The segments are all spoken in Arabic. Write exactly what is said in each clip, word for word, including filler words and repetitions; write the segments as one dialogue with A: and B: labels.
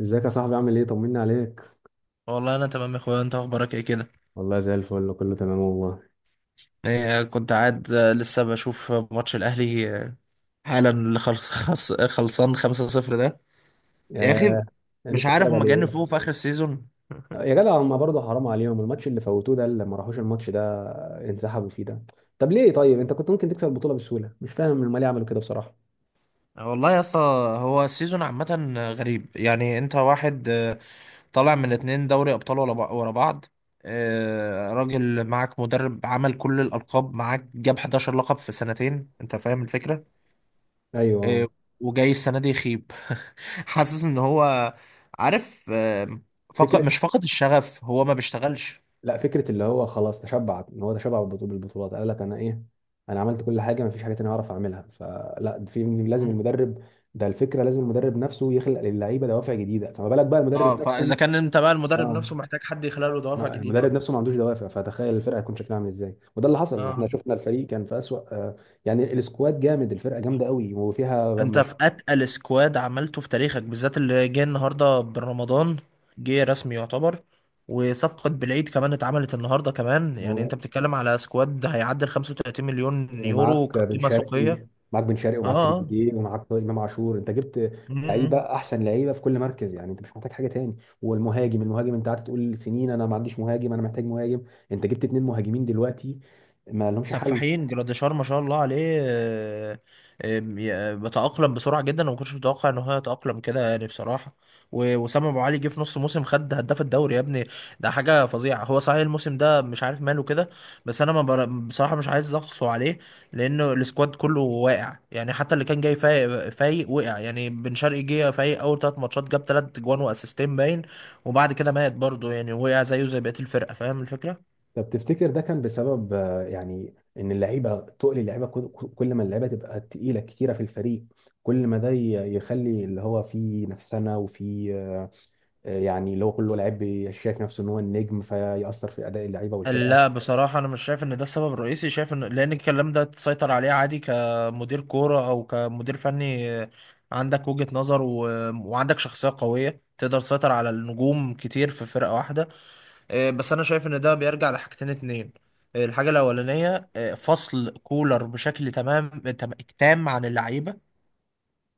A: ازيك يا صاحبي؟ عامل ايه؟ طمني عليك.
B: والله انا تمام يا اخويا، انت اخبارك ايه كده؟
A: والله زي الفل، كله تمام والله.
B: إيه كنت قاعد، آه، لسه بشوف ماتش الاهلي. آه، حالا اللي خلص خلص- خلصان خمسة صفر ده. يا
A: يا
B: اخي،
A: أنا
B: مش
A: لسه
B: عارف
A: اتفرج
B: هما
A: على ايه؟
B: جنفوه في اخر السيزون.
A: يا جدع هما برضه حرام عليهم الماتش اللي فوتوه ده، اللي ما راحوش الماتش ده، انسحبوا فيه ده. طب ليه؟ طيب انت كنت ممكن تكسب البطوله بسهوله، مش فاهم هما ليه عملوا كده بصراحه.
B: والله يا اسطى، هو السيزون عامة غريب، يعني انت واحد آه، طالع من اتنين دوري ابطال ولا بع- ورا بعض. آه، راجل، معاك مدرب عمل كل الالقاب معاك، جاب حداشر لقب في سنتين، انت فاهم الفكرة.
A: ايوه.
B: آه، وجاي السنة دي يخيب. حاسس ان هو عارف. آه، فقد
A: فكره.
B: مش فقد الشغف، هو ما بيشتغلش.
A: لا فكره اللي هو خلاص تشبع، ان هو تشبع بالبطو- بالبطولات، قال لك انا ايه؟ انا عملت كل حاجه، ما فيش حاجه تانية اعرف اعملها، فلا في لازم
B: مم.
A: المدرب ده الفكره، لازم المدرب نفسه يخلق للعيبه دوافع جديده، فما بالك بقى
B: اه،
A: المدرب
B: فاذا
A: نفسه؟
B: كان انت بقى المدرب
A: اه.
B: نفسه محتاج حد يخلق له دوافع
A: ما-
B: جديدة
A: المدرب
B: بقى.
A: نفسه ما عندوش دوافع، فتخيل الفرقه هيكون شكلها عامل ازاي. وده اللي حصل، احنا
B: اه،
A: شفنا الفريق كان في اسوأ آه، يعني السكواد جامد، الفرقه جامده قوي وفيها
B: انت
A: مش.
B: في اتقل سكواد عملته في تاريخك، بالذات اللي جه النهارده بالرمضان، جه رسمي يعتبر. وصفقة بالعيد كمان اتعملت النهارده كمان، يعني انت
A: و-
B: بتتكلم على سكواد هيعدي ال خمسة وتلاتين مليون يورو
A: ومعاك بن
B: كقيمة
A: شرقي،
B: سوقية.
A: معاك بن شرقي
B: اه.
A: ومعاك
B: اه.
A: تريزيجيه ومعاك امام عاشور، انت جبت لعيبه
B: مم.
A: احسن لعيبه في كل مركز، يعني انت مش محتاج حاجه تاني. والمهاجم، المهاجم انت قعدت تقول سنين انا ما عنديش مهاجم، انا محتاج مهاجم. انت جبت اتنين مهاجمين دلوقتي، ما لهمش حل.
B: سفاحين جراديشار، ما شاء الله عليه. آه، آه، ي- بيتأقلم بسرعة جدا، وما كنتش متوقع ان هو يتأقلم كده يعني بصراحة. و- وسام ابو علي جه في نص موسم، خد هداف الدوري يا ابني. ده حاجة فظيعة. هو صحيح الموسم ده مش عارف ماله كده. بس انا ما بر... بصراحة مش عايز اقصه عليه، لانه السكواد كله واقع، يعني حتى اللي كان جاي فايق فايق وقع. يعني بن شرقي جه فايق، اول ثلاث ماتشات جاب ثلاث جوان واسيستين باين، وبعد كده مات برضه، يعني وقع زيه زي بقية الفرقة. فاهم الفكرة؟
A: طب تفتكر ده كان بسبب آه، يعني ان اللعيبه تقل؟ اللعيبه كل كل ما اللعيبه تبقى تقيله كتيره في الفريق، كل ما ده ي- يخلي اللي هو في نفسنا وفي آه، آه، يعني اللي هو كله لعيب بي- شايف نفسه ان هو النجم، فيأثر في اداء اللعيبه والفرقه.
B: لا، بصراحة أنا مش شايف إن ده السبب الرئيسي. شايف إن، لأن الكلام ده تسيطر عليه عادي كمدير كورة أو كمدير فني، آه، عندك وجهة نظر، و... وعندك شخصية قوية تقدر تسيطر على النجوم كتير في فرقة واحدة. آه، بس أنا شايف إن ده بيرجع لحاجتين اتنين. آه، الحاجة الأولانية آه، فصل كولر بشكل تمام تم- تام عن اللعيبة،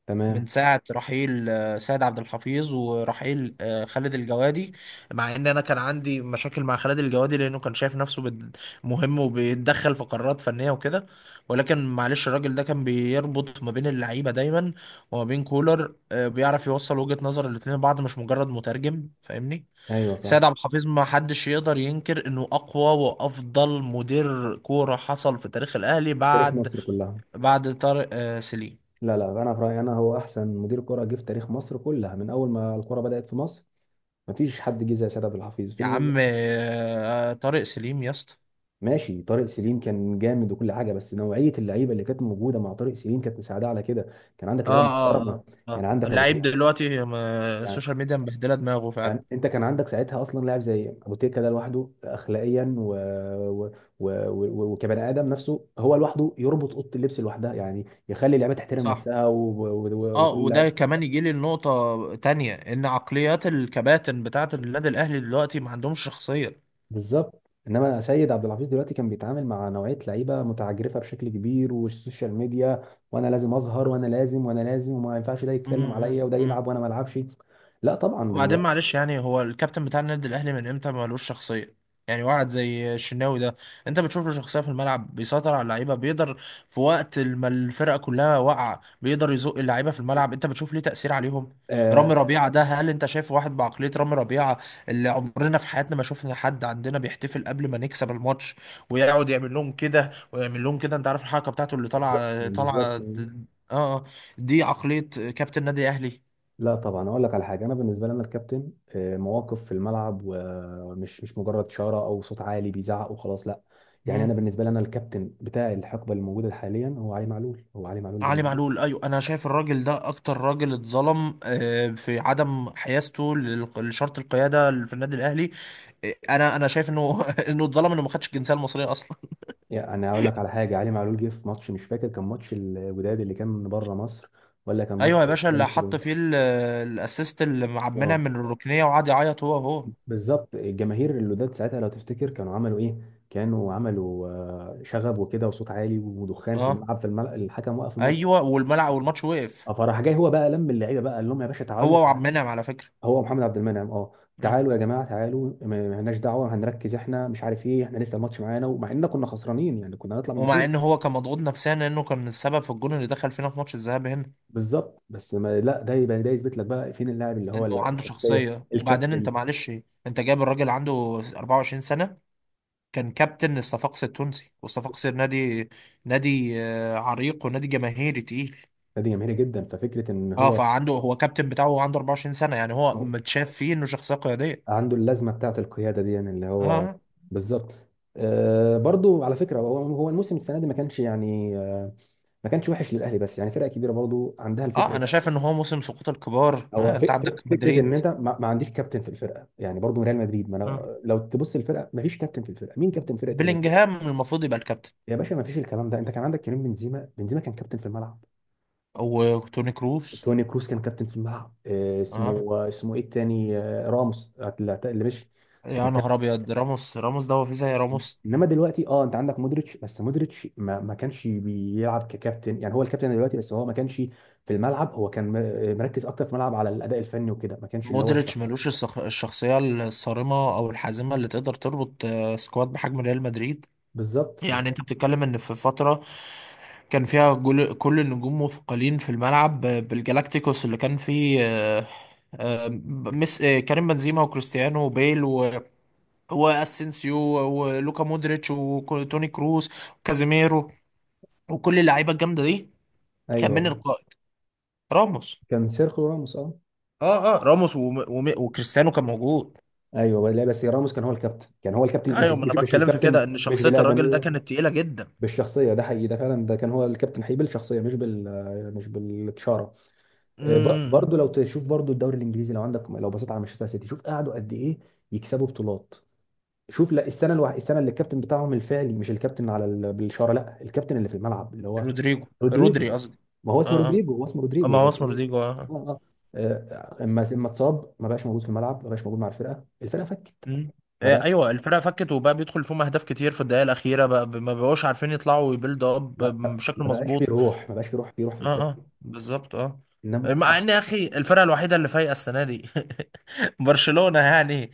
A: تمام.
B: من ساعة رحيل آه، سيد عبد الحفيظ، ورحيل آه، خالد الجوادي. مع ان انا كان عندي مشاكل مع خالد الجوادي، لانه كان شايف نفسه بد- مهم وبيتدخل في قرارات فنية وكده. ولكن معلش، الراجل ده كان بيربط ما بين اللعيبة دايما وما بين كولر، آه، بيعرف يوصل وجهة نظر الاتنين لبعض، مش مجرد مترجم. فاهمني؟
A: ايوه صح.
B: سيد عبد الحفيظ ما حدش يقدر ينكر انه اقوى وافضل مدير كورة حصل في تاريخ الاهلي،
A: تاريخ
B: بعد
A: مصر كلها.
B: بعد طارق آه، سليم.
A: لا لا، انا في رايي انا هو احسن مدير كره جه في تاريخ مصر كلها من اول ما الكره بدأت في مصر. مفيش حد جه زي سيد عبد الحفيظ في.
B: يا عم، آه، طارق سليم يا اسطى.
A: ماشي، طارق سليم كان جامد وكل حاجه، بس نوعيه اللعيبه اللي كانت موجوده مع طارق سليم كانت مساعده على كده، كان عندك
B: اه،
A: لعيبه
B: اه،
A: محترمه.
B: اه،
A: يعني
B: اه،
A: عندك ابو
B: اللعيب
A: تريكه،
B: دلوقتي، ما-
A: يعني،
B: السوشيال ميديا مبهدله دماغه فعلا.
A: يعني انت كان عندك ساعتها اصلا لاعب زي ابو تريكه ده لوحده، اخلاقيا و... و... و... و... وكبني ادم نفسه، هو لوحده يربط اوضه اللبس لوحدها، يعني يخلي اللعيبه تحترم
B: صح.
A: نفسها و... و... و...
B: اه،
A: وكل لاعب.
B: وده كمان يجي لي النقطة تانية، ان عقليات الكباتن بتاعة النادي الاهلي دلوقتي ما عندهمش شخصية.
A: بالظبط. انما سيد عبد الحفيظ دلوقتي كان بيتعامل مع نوعيه لعيبه متعجرفه بشكل كبير، والسوشيال ميديا، وانا لازم اظهر وانا لازم وانا لازم، وما ينفعش ده
B: مم،
A: يتكلم عليا
B: مم،
A: وده
B: مم.
A: يلعب وانا ما العبش. لا طبعا
B: وبعدين
A: دلوقتي.
B: معلش، يعني هو الكابتن بتاع النادي الاهلي من امتى مالوش شخصيه؟ يعني واحد زي الشناوي ده، انت بتشوف له شخصيه في الملعب، بيسيطر على اللعيبه، بيقدر في وقت ما الفرقه كلها واقعه، بيقدر يزق اللعيبه في الملعب. انت بتشوف ليه تاثير عليهم.
A: آه.
B: رامي ربيعه ده، هل انت شايف واحد بعقليه رامي ربيعه؟ اللي عمرنا في حياتنا ما شفنا حد عندنا بيحتفل قبل ما نكسب الماتش، ويقعد يعمل لهم كده ويعمل لهم كده. انت عارف الحركه بتاعته اللي
A: بالظبط
B: طالعه طالعه،
A: بالظبط.
B: اه. آه. دي عقليه كابتن نادي اهلي.
A: لا طبعا، اقول لك على حاجه، انا بالنسبه لي انا الكابتن آه، مواقف في الملعب، ومش مش مجرد شاره او صوت عالي بيزعق وخلاص، لا. يعني انا بالنسبه لي انا الكابتن بتاع الحقبه الموجوده حاليا هو علي معلول، هو علي معلول
B: علي
A: بالنسبه.
B: معلول، ايوه، انا شايف الراجل ده اكتر راجل اتظلم، آه، في عدم حيازته لل- لشرط القياده في النادي الاهلي. آه، انا انا شايف انه انه اتظلم، انه ما خدش الجنسيه المصريه اصلا.
A: يعني انا هقول لك على حاجه، علي معلول جه في ماتش مش فاكر كان ماتش الوداد اللي كان من بره مصر، ولا كان ماتش
B: ايوه يا باشا،
A: الهلال
B: اللي حط
A: السوداني.
B: فيه ال- الاسيست اللي مع عبد المنعم
A: اه.
B: من الركنيه، وقعد يعيط هو، هو.
A: بالظبط. الجماهير الوداد ساعتها لو تفتكر كانوا عملوا ايه؟ كانوا عملوا آه، شغب وكده وصوت عالي ودخان في
B: اه.
A: الملعب، في الملعب الحكم وقف الماتش.
B: ايوه، والملعب والماتش وقف.
A: آه، فراح جاي هو بقى لم اللعيبه بقى، قال لهم يا باشا تعالوا
B: هو وعبد
A: تعالوا.
B: المنعم على فكره.
A: هو محمد عبد المنعم، اه.
B: آه.
A: تعالوا يا جماعه تعالوا، ما ما لناش دعوه، هنركز احنا مش عارف ايه، احنا لسه الماتش معانا، ومع اننا كنا خسرانين يعني، كنا هنطلع من
B: ومع
A: البطوله.
B: ان هو كان مضغوط نفسيا، لانه كان السبب في الجون اللي دخل فينا في ماتش الذهاب هنا.
A: بالظبط، بس ما لا، ده يبقى ده يثبت لك بقى فين اللاعب اللي هو
B: انه
A: ال-
B: عنده
A: الشخصيه،
B: شخصيه. وبعدين انت
A: الكابتن.
B: معلش، انت جايب الراجل عنده اربعة وعشرين سنه، كان كابتن الصفاقسي التونسي، والصفاقسي نادي نادي آه، عريق، ونادي جماهيري تقيل.
A: فدي جماهيري جدا، ففكره ان
B: اه،
A: هو،
B: فعنده هو كابتن بتاعه، وعنده اربعة وعشرين سنة. يعني هو
A: هو
B: متشاف فيه انه شخصية قيادية.
A: عنده اللازمه بتاعه القياده دي، يعني اللي هو.
B: اه.
A: بالظبط. آه برضو على فكره، هو هو الموسم السنه دي ما كانش يعني آه، ما كانش وحش للاهلي، بس يعني فرقه كبيره برضو عندها
B: اه.
A: الفكره.
B: انا شايف ان هو موسم سقوط الكبار.
A: هو
B: آه، انت
A: فك فك-
B: عندك
A: فكره ان
B: مدريد.
A: انت ما, ما عنديش كابتن في الفرقه يعني، برضو ريال مدريد، ما
B: آه.
A: انا لو تبص الفرقه ما فيش كابتن في الفرقه، مين كابتن فرقه ريال مدريد؟
B: بلينجهام المفروض يبقى الكابتن.
A: يا باشا ما فيش الكلام ده، انت كان عندك كريم بنزيما، بنزيما كان كابتن في الملعب.
B: وتوني كروس.
A: توني كروس كان كابتن في الملعب، آه، اسمه
B: اه،
A: آه، اسمه ايه التاني؟ آه، راموس، اللي اللي مشي، كان
B: يا نهار
A: كابتن.
B: ابيض، راموس! راموس ده هو في زي راموس؟
A: انما دلوقتي اه، انت عندك مودريتش، بس مودريتش ما, ما كانش بيلعب ككابتن، يعني هو الكابتن دلوقتي بس هو ما كانش في الملعب، هو كان م- مركز اكتر في الملعب على الاداء الفني وكده، ما كانش اللي هو
B: مودريتش
A: الشخص.
B: ملوش الصخ- الشخصية الصارمة او الحازمة اللي تقدر تربط آه، سكواد بحجم ريال مدريد.
A: بالظبط
B: يعني
A: بالظبط.
B: انت بتتكلم ان في فترة كان فيها جل- كل النجوم مثقلين في الملعب ب- بالجالاكتيكوس اللي كان فيه، آه، آه، ب- مس آه، كريم بنزيما وكريستيانو وبيل و- واسينسيو، ولوكا مودريتش، وتوني كروس، وكازيميرو، وكل اللعيبة الجامدة دي. كان من
A: ايوه
B: القائد، راموس.
A: كان سيرخو راموس اه.
B: اه. اه. راموس وم... وم... وكريستيانو كان موجود.
A: ايوه، لا بس راموس كان هو الكابتن، كان هو الكابتن، لا، مش
B: ايوه، ما
A: مش
B: انا
A: مش
B: بتكلم في كده،
A: الكابتن
B: ان
A: مش
B: شخصية الراجل ده
A: بالادميه،
B: كانت تقيلة جدا.
A: بالشخصيه، ده حقيقي، ده فعلا ده كان هو الكابتن حقيقي بالشخصيه، مش بال مش بالاشاره. آه، ب-
B: امم.
A: برضو لو تشوف برضو الدوري الانجليزي، لو عندك لو بصيت على مانشستر سيتي، شوف قعدوا قد ايه يكسبوا بطولات. شوف، لا السنه الوح... السنه اللي الكابتن بتاعهم الفعلي، مش الكابتن على ال... بالاشاره، لا الكابتن اللي في الملعب اللي هو
B: رودريجو.
A: رودريجو.
B: رودري قصدي.
A: ما هو اسمه
B: اه. اه.
A: رودريجو، هو اسمه
B: اما
A: رودريجو
B: هو
A: بس
B: اسمه
A: هو.
B: رودريجو. آه.
A: اه اه. آه، اما اما اتصاب ما بقاش موجود في الملعب، ما بقاش موجود مع الفرقه، الفرقه فكت،
B: مم.
A: ما
B: آه،
A: بقى.
B: ايوه الفرقه فكت، وبقى بيدخل فيهم اهداف كتير في الدقائق الاخيره، بقى ما بقوش عارفين يطلعوا ويبيلد اب
A: لا لا، ما
B: بشكل
A: بقاش في
B: مظبوط.
A: روح، ما بقاش في روح، في روح في
B: اه.
A: الفرقه.
B: اه. بالظبط. اه.
A: انما
B: مع
A: آه،
B: ان يا اخي، الفرقه الوحيده اللي فايقه السنه دي برشلونه يعني.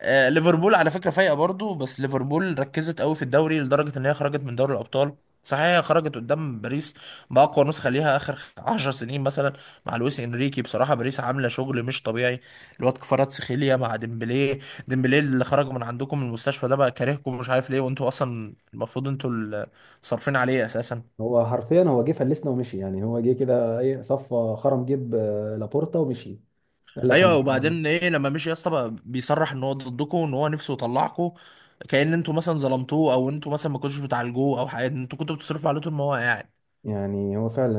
B: آه، ليفربول على فكره فايقه برضو، بس ليفربول ركزت قوي في الدوري، لدرجه ان هي خرجت من دوري الابطال. صحيح هي خرجت قدام باريس باقوى نسخه ليها اخر عشر سنين مثلا. مع لويس انريكي، بصراحه باريس عامله شغل مش طبيعي. الواد كفاراتسخيليا مع ديمبلي. ديمبلي اللي خرج من عندكم من المستشفى ده، بقى كارهكم مش عارف ليه، وانتوا اصلا المفروض انتوا اللي صارفين عليه اساسا.
A: هو حرفيا هو جه فلسنا ومشي، يعني هو جه كده ايه، صفى خرم جيب آه، لابورتا ومشي، قال لك انا
B: ايوه،
A: مش قادر.
B: وبعدين ايه لما مشي يا اسطى بقى بيصرح ان هو ضدكم، ان هو نفسه يطلعكم؟ كأن انتوا مثلا ظلمتوه، او انتوا مثلا ما كنتوش بتعالجوه او حاجه، انتوا كنتوا بتصرفوا عليه طول ما هو قاعد.
A: يعني هو فعلا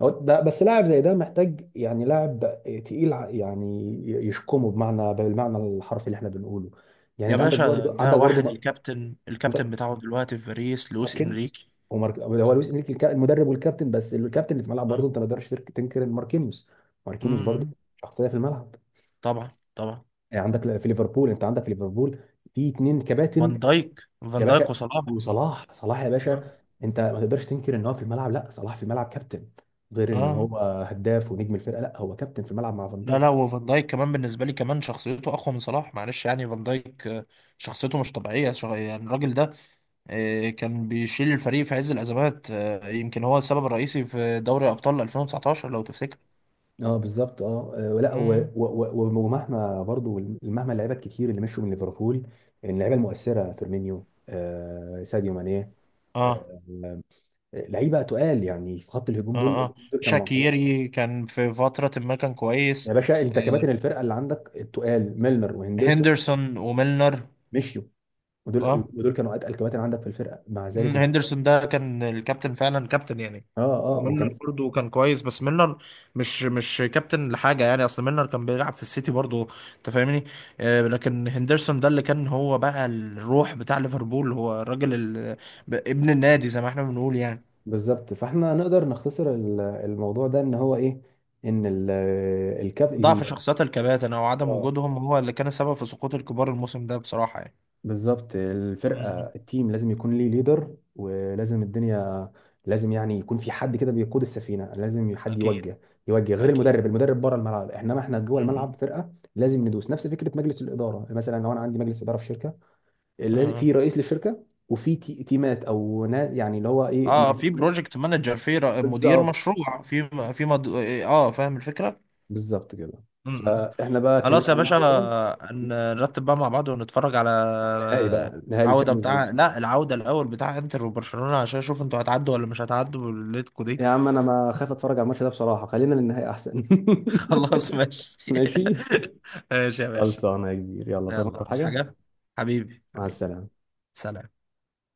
A: آه، أو ده، بس لاعب زي ده محتاج يعني لاعب تقيل ع- يعني ي- يشكمه بمعنى بالمعنى الحرفي اللي احنا بنقوله. يعني
B: يا
A: انت عندك
B: باشا
A: برضه،
B: ده
A: عندك
B: واحد،
A: برضه
B: الكابتن
A: عندك
B: الكابتن بتاعه دلوقتي في باريس لويس
A: ماركينيوس.
B: انريكي.
A: ومارك... هو لويس انريكي الكا- المدرب والكابتن، بس الكابتن اللي في الملعب
B: اه.
A: برضه انت ما تقدرش ترك- تنكر إن ماركينيوس، ماركينيوس برضه
B: امم.
A: شخصيه في الملعب.
B: طبعا. طبعا.
A: يعني عندك في ليفربول، انت عندك في ليفربول في اتنين كباتن.
B: فان دايك.
A: يا
B: فان دايك
A: باشا.
B: وصلاح.
A: وصلاح، صلاح يا
B: اه.
A: باشا، انت ما تقدرش تنكر ان هو في الملعب، لا صلاح في الملعب كابتن، غير ان
B: اه
A: هو هداف ونجم الفرقه، لا هو كابتن في الملعب مع فان
B: لا، لا،
A: دايك.
B: وفان دايك كمان بالنسبه لي كمان، شخصيته اقوى من صلاح معلش، يعني فان دايك آه، شخصيته مش طبيعيه. شغ... يعني الراجل ده آه، كان بيشيل الفريق في عز الأزمات. آه، يمكن هو السبب الرئيسي في دوري أبطال الفين وتسعتاشر لو تفتكر.
A: اه بالظبط اه. آه، لا و- و-
B: مم.
A: و- ومهما برضو مهما اللعيبه الكتير اللي مشوا من ليفربول، اللعيبه المؤثره فيرمينيو، آه ساديو ماني، آه
B: اه.
A: آه، لعيبه تقال يعني في خط الهجوم، دول
B: اه. اه.
A: الاتنين دول كانوا مع صلاح.
B: شاكيري كان في فترة ما كان
A: يا
B: كويس.
A: باشا
B: آه،
A: انت كباتن الفرقه اللي عندك التقال ميلنر وهندرسون
B: هندرسون وميلنر.
A: مشيوا، ودول
B: اه.
A: ودول كانوا اتقل كباتن عندك في الفرقه، مع ذلك
B: مم،
A: انت.
B: هندرسون ده كان الكابتن فعلا، كابتن يعني.
A: اه اه
B: وميلنر
A: وكان.
B: برضه كان كويس. بس ميلنر مش مش كابتن لحاجه، يعني اصل ميلنر كان بيلعب في السيتي برضه، انت فاهمني؟ آه، لكن هندرسون ده اللي كان هو بقى الروح بتاع ليفربول، هو الراجل ال- ب- ابن النادي زي ما احنا بنقول يعني.
A: بالظبط، فاحنا نقدر نختصر ال- الموضوع ده ان هو ايه، ان ال- الكاب
B: ضعف
A: ال-
B: شخصيات الكباتن او عدم
A: اه
B: وجودهم هو اللي كان السبب في سقوط الكبار الموسم ده، بصراحه يعني.
A: بالظبط. الفرقه،
B: مم.
A: التيم لازم يكون ليه ليدر، ولازم الدنيا لازم يعني يكون في حد كده بيقود السفينه، لازم حد
B: اكيد.
A: يوجه، يوجه غير
B: اكيد.
A: المدرب، المدرب بره الملعب انما احنا جوه الملعب
B: مم.
A: فرقه لازم ندوس نفس فكره مجلس الاداره. مثلا لو انا عندي مجلس اداره في شركه، لازم
B: آه.
A: في رئيس للشركه، وفي تي- تيمات او ناس يعني اللي هو ايه،
B: اه،
A: مج-
B: في
A: مج-
B: بروجكت مانجر، في ر- مدير
A: بالظبط
B: مشروع، في م- في مد... اه، فاهم الفكرة.
A: بالظبط كده.
B: امم.
A: فاحنا بقى
B: خلاص
A: اتكلمنا
B: يا
A: عن
B: باشا.
A: الكوره.
B: ن- نرتب بقى مع بعض، ونتفرج على
A: النهائي بقى، نهائي
B: العودة
A: الشامبيونز ليج.
B: بتاع لا، العودة الأول بتاع انتر وبرشلونة، عشان اشوف انتوا هتعدوا ولا مش هتعدوا بالليتكو دي.
A: يا عم انا ما خايف اتفرج على الماتش ده بصراحه، خلينا للنهائي احسن.
B: خلاص ماشي.
A: ماشي.
B: ماشي يا باشا.
A: خلصانه يا كبير، يلا طب
B: يلا تصحى
A: حاجه.
B: حاجة، حبيبي،
A: مع
B: حبيبي.
A: السلامه.
B: سلام.